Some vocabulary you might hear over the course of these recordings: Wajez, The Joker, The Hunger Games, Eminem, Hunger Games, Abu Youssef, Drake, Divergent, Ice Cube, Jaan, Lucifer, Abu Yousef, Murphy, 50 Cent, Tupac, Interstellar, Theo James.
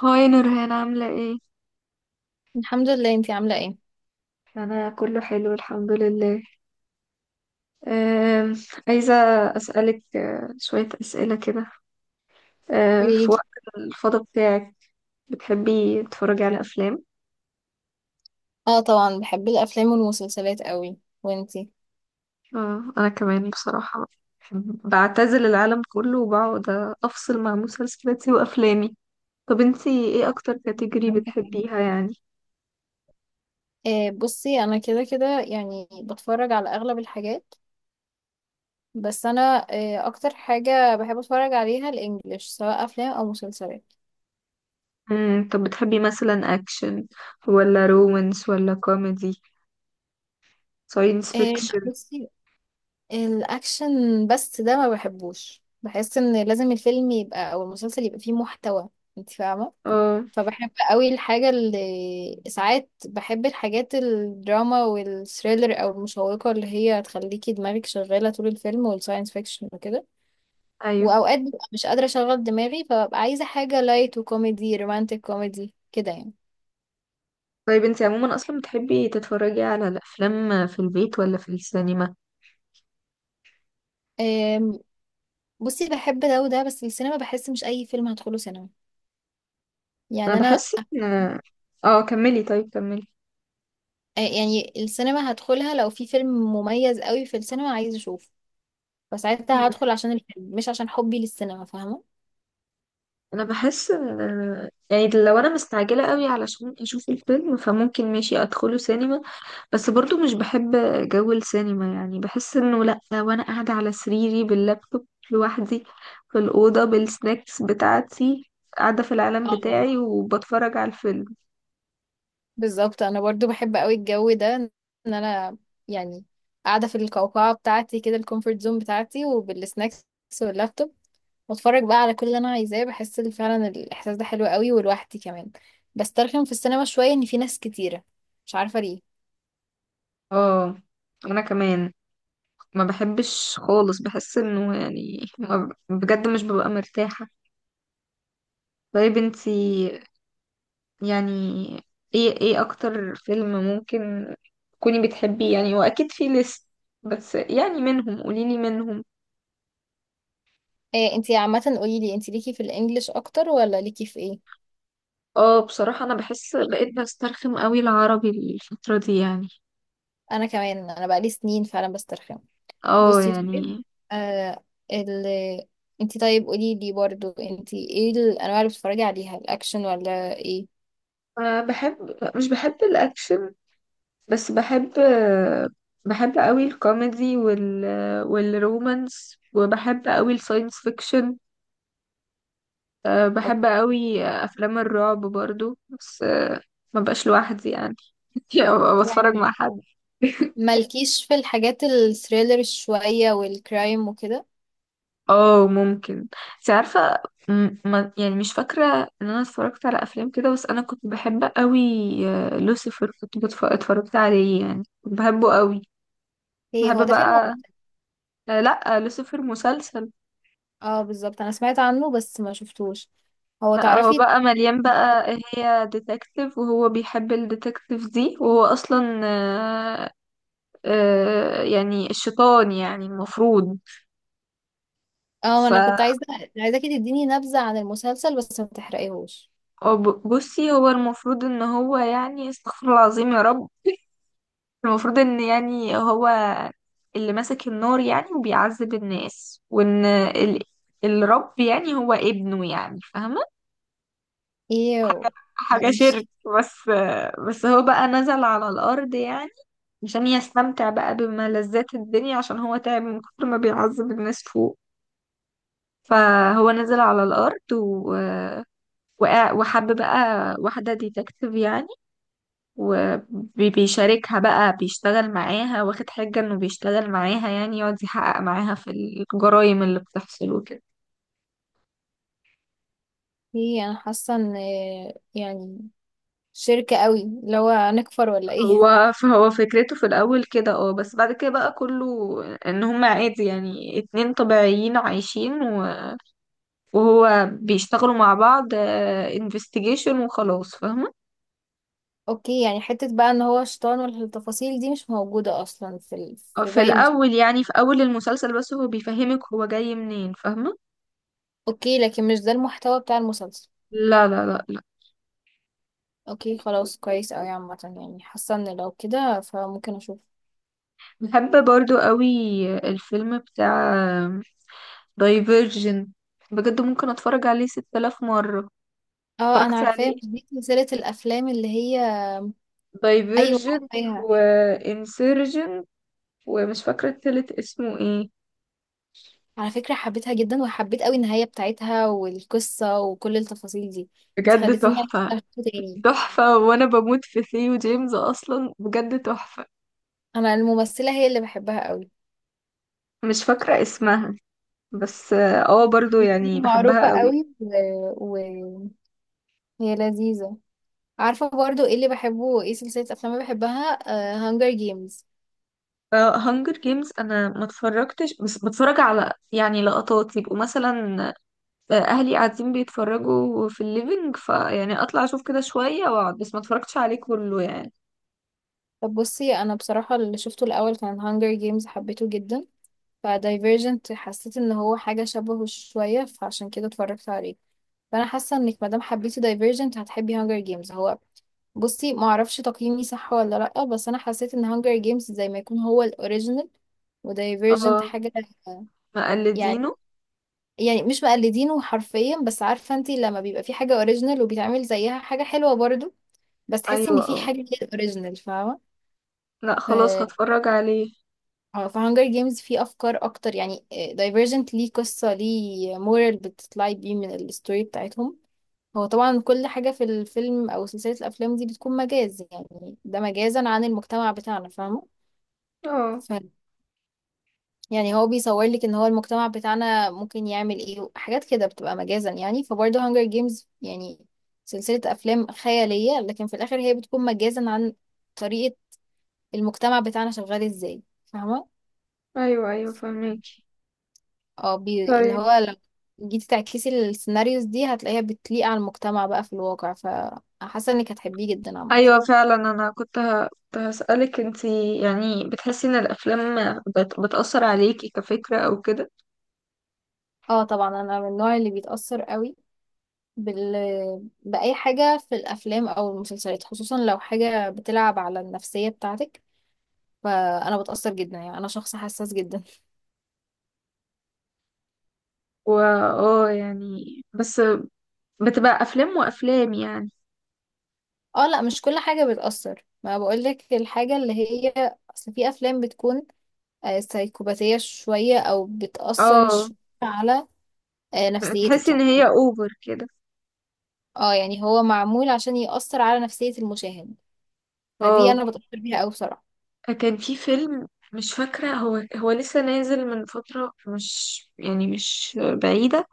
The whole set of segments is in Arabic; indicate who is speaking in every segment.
Speaker 1: هاي نورهان عاملة ايه؟
Speaker 2: الحمد لله، انتي عاملة ايه؟
Speaker 1: أنا كله حلو الحمد لله. أم، عايزة أسألك شوية أسئلة كده. في
Speaker 2: قوليلي.
Speaker 1: وقت الفضا بتاعك بتحبي تتفرجي على أفلام؟
Speaker 2: اه طبعا بحب الافلام والمسلسلات قوي، وانتي؟
Speaker 1: أنا كمان بصراحة بعتزل العالم كله وبقعد أفصل مع مسلسلاتي وأفلامي. طب انتي ايه أكتر كاتيجوري
Speaker 2: مم.
Speaker 1: بتحبيها يعني؟
Speaker 2: آه بصي، انا كده كده يعني بتفرج على اغلب الحاجات، بس انا آه اكتر حاجة بحب اتفرج عليها الانجليش سواء افلام او مسلسلات.
Speaker 1: طب بتحبي مثلا أكشن ولا رومانس ولا كوميدي ساينس
Speaker 2: آه لا
Speaker 1: فيكشن؟
Speaker 2: بصي، الاكشن بس ده ما بحبوش، بحس ان لازم الفيلم يبقى او المسلسل يبقى فيه محتوى، انتي فاهمة.
Speaker 1: اه.
Speaker 2: فبحب قوي الحاجة اللي، ساعات بحب الحاجات الدراما والثريلر او المشوقة اللي هي تخليكي دماغك شغالة طول الفيلم، والساينس فيكشن وكده.
Speaker 1: أيوه.
Speaker 2: واوقات ببقى مش قادرة اشغل دماغي، فببقى عايزة حاجة لايت وكوميدي، رومانتك كوميدي كده يعني.
Speaker 1: طيب انت عموما اصلا بتحبي تتفرجي على الافلام في البيت ولا في السينما؟
Speaker 2: أم، بصي بحب ده وده، بس السينما بحس مش اي فيلم هدخله سينما،
Speaker 1: انا
Speaker 2: يعني انا.
Speaker 1: بحس ان اه، كملي، طيب كملي.
Speaker 2: يعني السينما هدخلها لو في فيلم مميز قوي في السينما عايز اشوفه،
Speaker 1: مم.
Speaker 2: فساعتها هدخل عشان الفيلم مش عشان حبي للسينما، فاهمة.
Speaker 1: انا بحس يعني لو انا مستعجله قوي علشان اشوف الفيلم فممكن ماشي ادخله سينما، بس برضو مش بحب جو السينما، يعني بحس انه لا، وانا قاعده على سريري باللابتوب لوحدي في الاوضه بالسناكس بتاعتي، قاعده في العالم
Speaker 2: اه
Speaker 1: بتاعي وبتفرج على الفيلم.
Speaker 2: بالظبط، انا برضو بحب قوي الجو ده ان انا يعني قاعده في القوقعه بتاعتي كده، الكومفورت زون بتاعتي، وبالسناكس واللابتوب، واتفرج بقى على كل اللي انا عايزاه، بحس إن فعلا الاحساس ده حلو قوي، ولوحدي كمان. بسترخم في السينما شويه ان في ناس كتيره، مش عارفه ليه.
Speaker 1: اه، انا كمان ما بحبش خالص، بحس انه يعني ما بجد مش ببقى مرتاحة. طيب انتي يعني ايه اكتر فيلم ممكن تكوني بتحبيه يعني، واكيد في ليست بس يعني منهم قوليلي منهم.
Speaker 2: إيه انتي عامه، قولي لي انتي ليكي في الانجليش اكتر ولا ليكي في ايه؟
Speaker 1: اه بصراحة انا بحس بقيت بسترخم قوي العربي الفترة دي يعني.
Speaker 2: انا كمان، انا بقالي سنين فعلا بسترخم.
Speaker 1: اه
Speaker 2: بصي طيب،
Speaker 1: يعني.
Speaker 2: آه ال انت طيب قولي لي برضو، انت ايه الانواع اللي بتتفرجي عليها، الاكشن ولا ايه؟
Speaker 1: أه بحب مش بحب الاكشن، بس بحب قوي الكوميدي والرومانس، وبحب قوي الساينس فيكشن.
Speaker 2: أو
Speaker 1: بحب قوي افلام الرعب برضو، بس ما بقاش لوحدي يعني. يعني أبقى بتفرج
Speaker 2: يعني
Speaker 1: مع حد.
Speaker 2: مالكيش في الحاجات الثريلر شوية والكرايم وكده؟
Speaker 1: اه ممكن. انت عارفه، ما يعني مش فاكره ان انا اتفرجت على افلام كده، بس انا كنت بحب قوي لوسيفر. كنت اتفرجت عليه يعني، كنت بحبه قوي. كنت
Speaker 2: ايه هو
Speaker 1: بحب
Speaker 2: ده فيلم ولا
Speaker 1: بقى
Speaker 2: مسلسل؟
Speaker 1: لا، لوسيفر مسلسل.
Speaker 2: اه بالظبط انا سمعت عنه بس ما شفتوش. هو
Speaker 1: بقى هو
Speaker 2: تعرفي،
Speaker 1: بقى مليان بقى. هي ديتكتيف وهو بيحب الديتكتيف دي، وهو اصلا يعني الشيطان يعني المفروض.
Speaker 2: اه ما
Speaker 1: ف
Speaker 2: انا كنت عايزة، عايزاكي تديني نبذة عن المسلسل بس ما تحرقيهوش.
Speaker 1: بصي، هو المفروض ان هو يعني، استغفر الله العظيم يا رب، المفروض ان يعني هو اللي ماسك النار يعني وبيعذب الناس، وان الرب يعني هو ابنه يعني، فاهمة؟
Speaker 2: ايه.
Speaker 1: حاجة حاجة
Speaker 2: ماشي.
Speaker 1: شرك. بس بس هو بقى نزل على الأرض يعني عشان يستمتع بقى بملذات الدنيا، عشان هو تعب من كتر ما بيعذب الناس فوق. فهو نزل على الأرض وحب بقى واحدة ديتكتيف يعني، وبيشاركها بقى، بيشتغل معاها واخد حجة انه بيشتغل معاها يعني، يقعد يحقق معاها في الجرائم اللي بتحصل وكده.
Speaker 2: ايه انا حاسة ان يعني شركة قوي، اللي هو هنكفر ولا ايه؟
Speaker 1: فهو فكرته في الأول كده، اه، بس بعد كده بقى كله ان هم عادي يعني، اتنين طبيعيين عايشين وهو بيشتغلوا مع بعض انفستيجيشن وخلاص، فاهمة؟
Speaker 2: اوكي، يعني حتة بقى ان هو شيطان والتفاصيل دي مش موجودة اصلا في
Speaker 1: في
Speaker 2: باقي المسلسل.
Speaker 1: الأول يعني في أول المسلسل، بس هو بيفهمك هو جاي منين، فاهمة؟
Speaker 2: اوكي، لكن مش ده المحتوى بتاع المسلسل.
Speaker 1: لا، لا، لا.
Speaker 2: اوكي خلاص، كويس اوي عامة، يعني حاسة ان لو كده فممكن اشوف.
Speaker 1: بحب برضو قوي الفيلم بتاع دايفيرجن، بجد ممكن اتفرج عليه 6000 مرة.
Speaker 2: اه انا
Speaker 1: اتفرجت
Speaker 2: عارفاه،
Speaker 1: عليه،
Speaker 2: مش دي سلسلة الافلام اللي هي. ايوه
Speaker 1: دايفيرجن
Speaker 2: عارفاها.
Speaker 1: وانسيرجن، ومش فاكرة التالت اسمه ايه.
Speaker 2: على فكرة حبيتها جدا، وحبيت اوي النهاية بتاعتها والقصة وكل التفاصيل دي. انت
Speaker 1: بجد
Speaker 2: خليتيني
Speaker 1: تحفة.
Speaker 2: اشوفه تاني.
Speaker 1: تحفة، وانا بموت في ثيو جيمز اصلا، بجد تحفة.
Speaker 2: انا الممثلة هي اللي بحبها اوي،
Speaker 1: مش فاكرة اسمها، بس اه برضو
Speaker 2: ممثلة
Speaker 1: يعني
Speaker 2: معروفة
Speaker 1: بحبها قوي.
Speaker 2: اوي وهي لذيذة. عارفة برضو ايه اللي بحبه، ايه سلسلة افلام اللي بحبها، هانجر جيمز.
Speaker 1: هانجر جيمز انا ما اتفرجتش، بس بتفرج على يعني لقطات، يبقوا مثلا اهلي قاعدين بيتفرجوا في الليفينج فيعني اطلع اشوف كده شوية واقعد، بس ما اتفرجتش عليه كله يعني.
Speaker 2: طب بصي، انا بصراحة اللي شفته الاول كان هانجر جيمز، حبيته جدا، فدايفرجنت حسيت ان هو حاجة شبهه شوية فعشان كده اتفرجت عليه. فانا حاسة انك مادام حبيتي دايفرجنت هتحبي هانجر جيمز. هو بصي، ما اعرفش تقييمي صح ولا لا، بس انا حسيت ان هانجر جيمز زي ما يكون هو الاوريجينال، ودايفرجنت
Speaker 1: اه
Speaker 2: حاجة يعني
Speaker 1: مقلدينه.
Speaker 2: يعني مش مقلدينه حرفيا، بس عارفة انتي، لما بيبقى في حاجة اوريجينال وبيتعمل زيها حاجة حلوة برضو، بس تحسي ان
Speaker 1: ايوه،
Speaker 2: في
Speaker 1: اه،
Speaker 2: حاجه كده اوريجينال، فاهمه.
Speaker 1: لا
Speaker 2: ف
Speaker 1: خلاص هتفرج عليه.
Speaker 2: اه في هانجر جيمز في افكار اكتر يعني. دايفرجنت ليه قصه، ليه مورال بتطلعي بيه من الستوري بتاعتهم. هو طبعا كل حاجه في الفيلم او سلسله الافلام دي بتكون مجاز يعني، ده مجازا عن المجتمع بتاعنا، فاهمه.
Speaker 1: اه
Speaker 2: ف يعني هو بيصور لك ان هو المجتمع بتاعنا ممكن يعمل ايه حاجات كده بتبقى مجازا يعني، فبرضه هانجر جيمز يعني سلسله افلام خياليه لكن في الاخر هي بتكون مجازا عن طريقة المجتمع بتاعنا شغال ازاي، فاهمة.
Speaker 1: ايوه ايوه فهميكي.
Speaker 2: اللي
Speaker 1: طيب.
Speaker 2: هو لو جيتي تعكسي السيناريوز دي هتلاقيها بتليق على المجتمع بقى في الواقع، فحاسة انك هتحبيه جدا عامة.
Speaker 1: ايوه فعلا. انا كنت كنت هسألك، انتي يعني بتحسي ان الافلام بتأثر عليكي كفكرة او كده؟
Speaker 2: اه طبعا انا من النوع اللي بيتأثر قوي بال... بأي حاجة في الأفلام أو المسلسلات، خصوصا لو حاجة بتلعب على النفسية بتاعتك، فأنا بتأثر جدا، يعني أنا شخص حساس جدا.
Speaker 1: و اه يعني، بس بتبقى افلام وافلام يعني.
Speaker 2: اه لا مش كل حاجة بتأثر، ما بقولك الحاجة اللي هي، أصل في أفلام بتكون سيكوباتية شوية أو بتأثر
Speaker 1: اه.
Speaker 2: شوية على
Speaker 1: بتحسي
Speaker 2: نفسيتك
Speaker 1: ان
Speaker 2: يعني.
Speaker 1: هي اوفر كده.
Speaker 2: اه يعني هو معمول عشان يأثر على نفسية المشاهد، فدي
Speaker 1: اه،
Speaker 2: أنا بتأثر بيها أوي بصراحة.
Speaker 1: كان في فيلم، مش فاكرة، هو لسه نازل من فترة مش يعني مش بعيدة،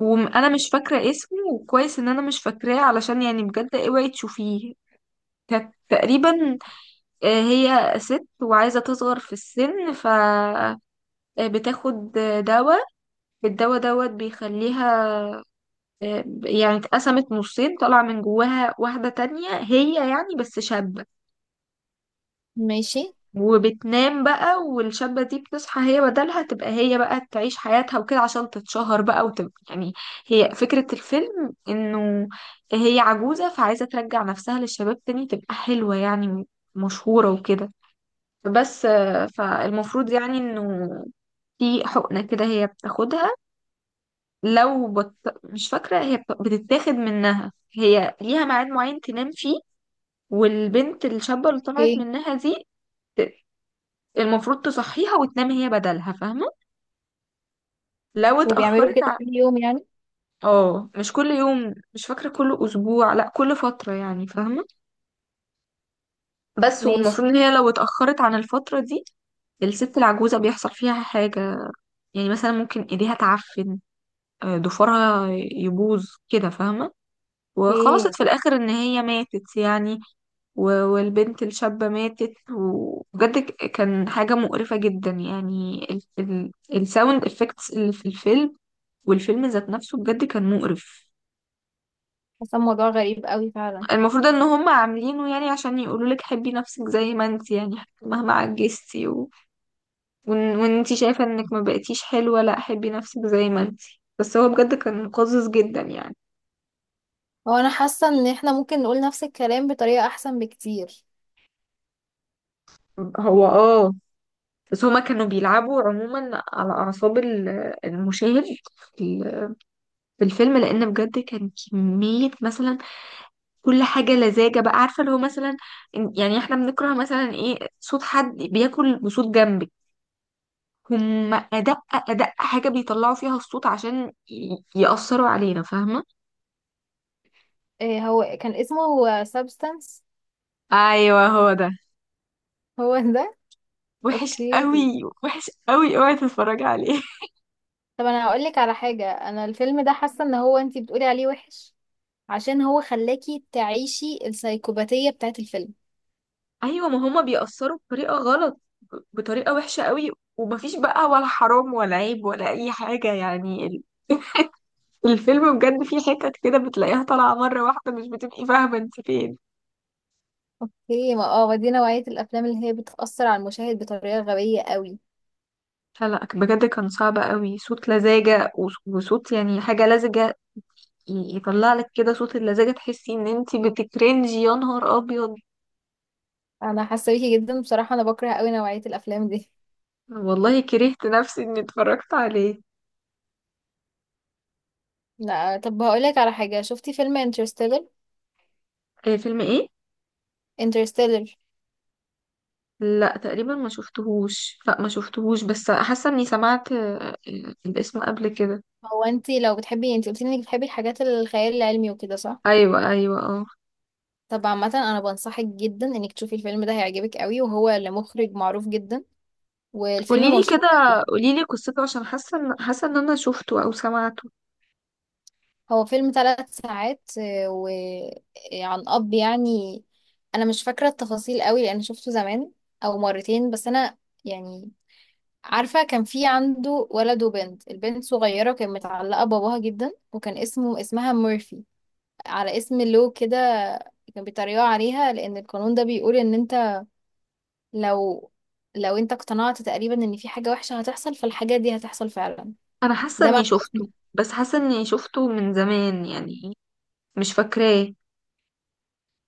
Speaker 1: وأنا مش فاكرة اسمه، وكويس إن أنا مش فاكراه، علشان يعني بجد اوعي تشوفيه. كانت تقريبا هي ست وعايزة تصغر في السن، ف بتاخد دواء. الدواء دوت بيخليها يعني اتقسمت نصين، طلع من جواها واحدة تانية هي يعني بس شابة،
Speaker 2: ماشي.
Speaker 1: وبتنام بقى، والشابة دي بتصحى هي بدلها، تبقى هي بقى تعيش حياتها وكده، عشان تتشهر بقى وتبقى يعني. هي فكرة الفيلم انه هي عجوزة، فعايزة ترجع نفسها للشباب تاني، تبقى حلوة يعني، مشهورة وكده. بس فالمفروض يعني انه في حقنة كده هي بتاخدها. لو بت... مش فاكرة، هي بتتاخد منها. هي ليها ميعاد معين تنام فيه، والبنت الشابة اللي طلعت
Speaker 2: اوكي.
Speaker 1: منها دي المفروض تصحيها وتنام هي بدلها، فاهمة؟ لو
Speaker 2: وبيعملوا
Speaker 1: اتأخرت
Speaker 2: كده كل يوم يعني؟
Speaker 1: اه مش كل يوم، مش فاكرة، كل أسبوع، لا كل فترة يعني، فاهمة؟ بس
Speaker 2: ماشي.
Speaker 1: والمفروض إن هي لو اتأخرت عن الفترة دي الست العجوزة بيحصل فيها حاجة، يعني مثلا ممكن ايديها تعفن، ضفرها يبوظ كده، فاهمة؟
Speaker 2: اوكي.
Speaker 1: وخلصت في الآخر إن هي ماتت يعني، والبنت الشابة ماتت. وبجد كان حاجة مقرفة جدا يعني، الساوند افكتس اللي في الفيلم، والفيلم ذات نفسه بجد كان مقرف.
Speaker 2: حاسة الموضوع غريب أوي فعلا.
Speaker 1: المفروض ان هم عاملينه يعني عشان يقولوا لك حبي نفسك زي ما انت يعني، مهما عجزتي وانت شايفة انك ما بقيتيش حلوة، لا حبي نفسك زي ما انت. بس هو بجد كان قزز جدا يعني.
Speaker 2: هو أنا حاسة إن احنا ممكن نقول نفس الكلام بطريقة أحسن بكتير.
Speaker 1: هو اه بس هما كانوا بيلعبوا عموما على اعصاب المشاهد في ال- في الفيلم، لان بجد كان كمية مثلا كل حاجة لزاجة بقى، عارفة اللي هو مثلا، يعني احنا بنكره مثلا ايه؟ صوت حد بياكل بصوت جنبك. هم أدق أدق حاجة بيطلعوا فيها الصوت، عشان يأثروا علينا، فاهمة؟
Speaker 2: إيه هو كان اسمه سابستانس؟
Speaker 1: أيوة هو ده.
Speaker 2: هو ده.
Speaker 1: وحش
Speaker 2: اوكي.
Speaker 1: قوي، وحش قوي، اوعي تتفرجي عليه.
Speaker 2: طب انا هقولك على حاجة، انا الفيلم ده حاسة ان هو انتي بتقولي عليه وحش عشان هو خلاكي تعيشي السايكوباتية بتاعت الفيلم.
Speaker 1: أيوة، ما هما بيأثروا بطريقة غلط، بطريقة وحشة قوي، ومفيش بقى ولا حرام ولا عيب ولا أي حاجة يعني. الفيلم بجد فيه حتت كده بتلاقيها طالعة مرة واحدة، مش بتبقي فاهمة انت فين.
Speaker 2: هي ما اه دي نوعية الأفلام اللي هي بتأثر على المشاهد بطريقة غبية قوي.
Speaker 1: لا، لا، بجد كان صعب قوي، صوت لزاجة وصوت يعني حاجة لزجة، يطلع لك كده صوت اللزاجة، تحسي ان انتي بتكرنجي يا نهار ابيض.
Speaker 2: أنا حاسة بيكي جدا بصراحة، أنا بكره قوي نوعية الأفلام دي.
Speaker 1: والله كرهت نفسي اني اتفرجت عليه.
Speaker 2: لا طب هقولك على حاجة، شفتي فيلم انترستيلر؟
Speaker 1: فيلم ايه؟
Speaker 2: انترستيلر.
Speaker 1: لا تقريبا ما شفتهوش، لا ما شفتهوش، بس حاسه اني سمعت الاسم قبل كده.
Speaker 2: هو انتي لو بتحبي، انتي قلتي انك بتحبي الحاجات الخيال العلمي وكده، صح؟
Speaker 1: ايوه ايوه اه.
Speaker 2: طب عامة أنا بنصحك جدا انك تشوفي الفيلم ده، هيعجبك قوي، وهو لمخرج معروف جدا، والفيلم
Speaker 1: قوليلي
Speaker 2: مشهور.
Speaker 1: كده، قوليلي قصته، عشان حاسه ان انا شفته او سمعته.
Speaker 2: هو فيلم 3 ساعات، وعن أب يعني. أنا مش فاكرة التفاصيل قوي لأن شفته زمان، أو مرتين بس. أنا يعني عارفة، كان في عنده ولد وبنت، البنت صغيرة وكانت متعلقة بباباها جدا، وكان اسمه اسمها مورفي، على اسم لو كده. كان بيتريقوا عليها لأن القانون ده بيقول إن أنت لو لو أنت اقتنعت تقريبا إن في حاجة وحشة هتحصل فالحاجة دي هتحصل فعلا.
Speaker 1: انا حاسه
Speaker 2: ده
Speaker 1: اني
Speaker 2: معنى.
Speaker 1: شفته، بس حاسه اني شفته من زمان يعني، مش فاكراه.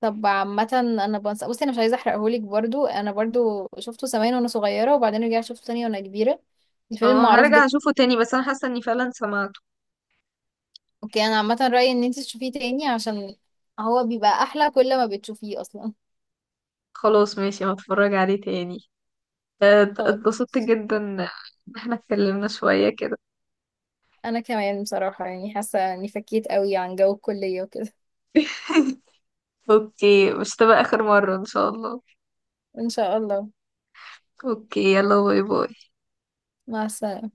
Speaker 2: طب عامة انا بنسى. بصي انا مش عايزة احرقهولك برضو، انا برضو شفته زمان وانا صغيرة وبعدين رجعت شفته تاني وانا كبيرة. الفيلم
Speaker 1: اه
Speaker 2: معروف
Speaker 1: هرجع
Speaker 2: جدا.
Speaker 1: اشوفه تاني، بس انا حاسه اني فعلا سمعته.
Speaker 2: اوكي انا عامة رأيي ان انت تشوفيه تاني عشان هو بيبقى احلى كل ما بتشوفيه اصلا.
Speaker 1: خلاص، ماشي، هتفرج عليه تاني.
Speaker 2: خلاص.
Speaker 1: اتبسطت جدا ان احنا اتكلمنا شوية كده.
Speaker 2: انا كمان بصراحة يعني حاسة اني فكيت قوي عن جو الكلية وكده.
Speaker 1: اوكي، مش تبقى اخر مرة ان شاء الله.
Speaker 2: ان شاء الله.
Speaker 1: اوكي، يلا باي باي.
Speaker 2: مع السلامة.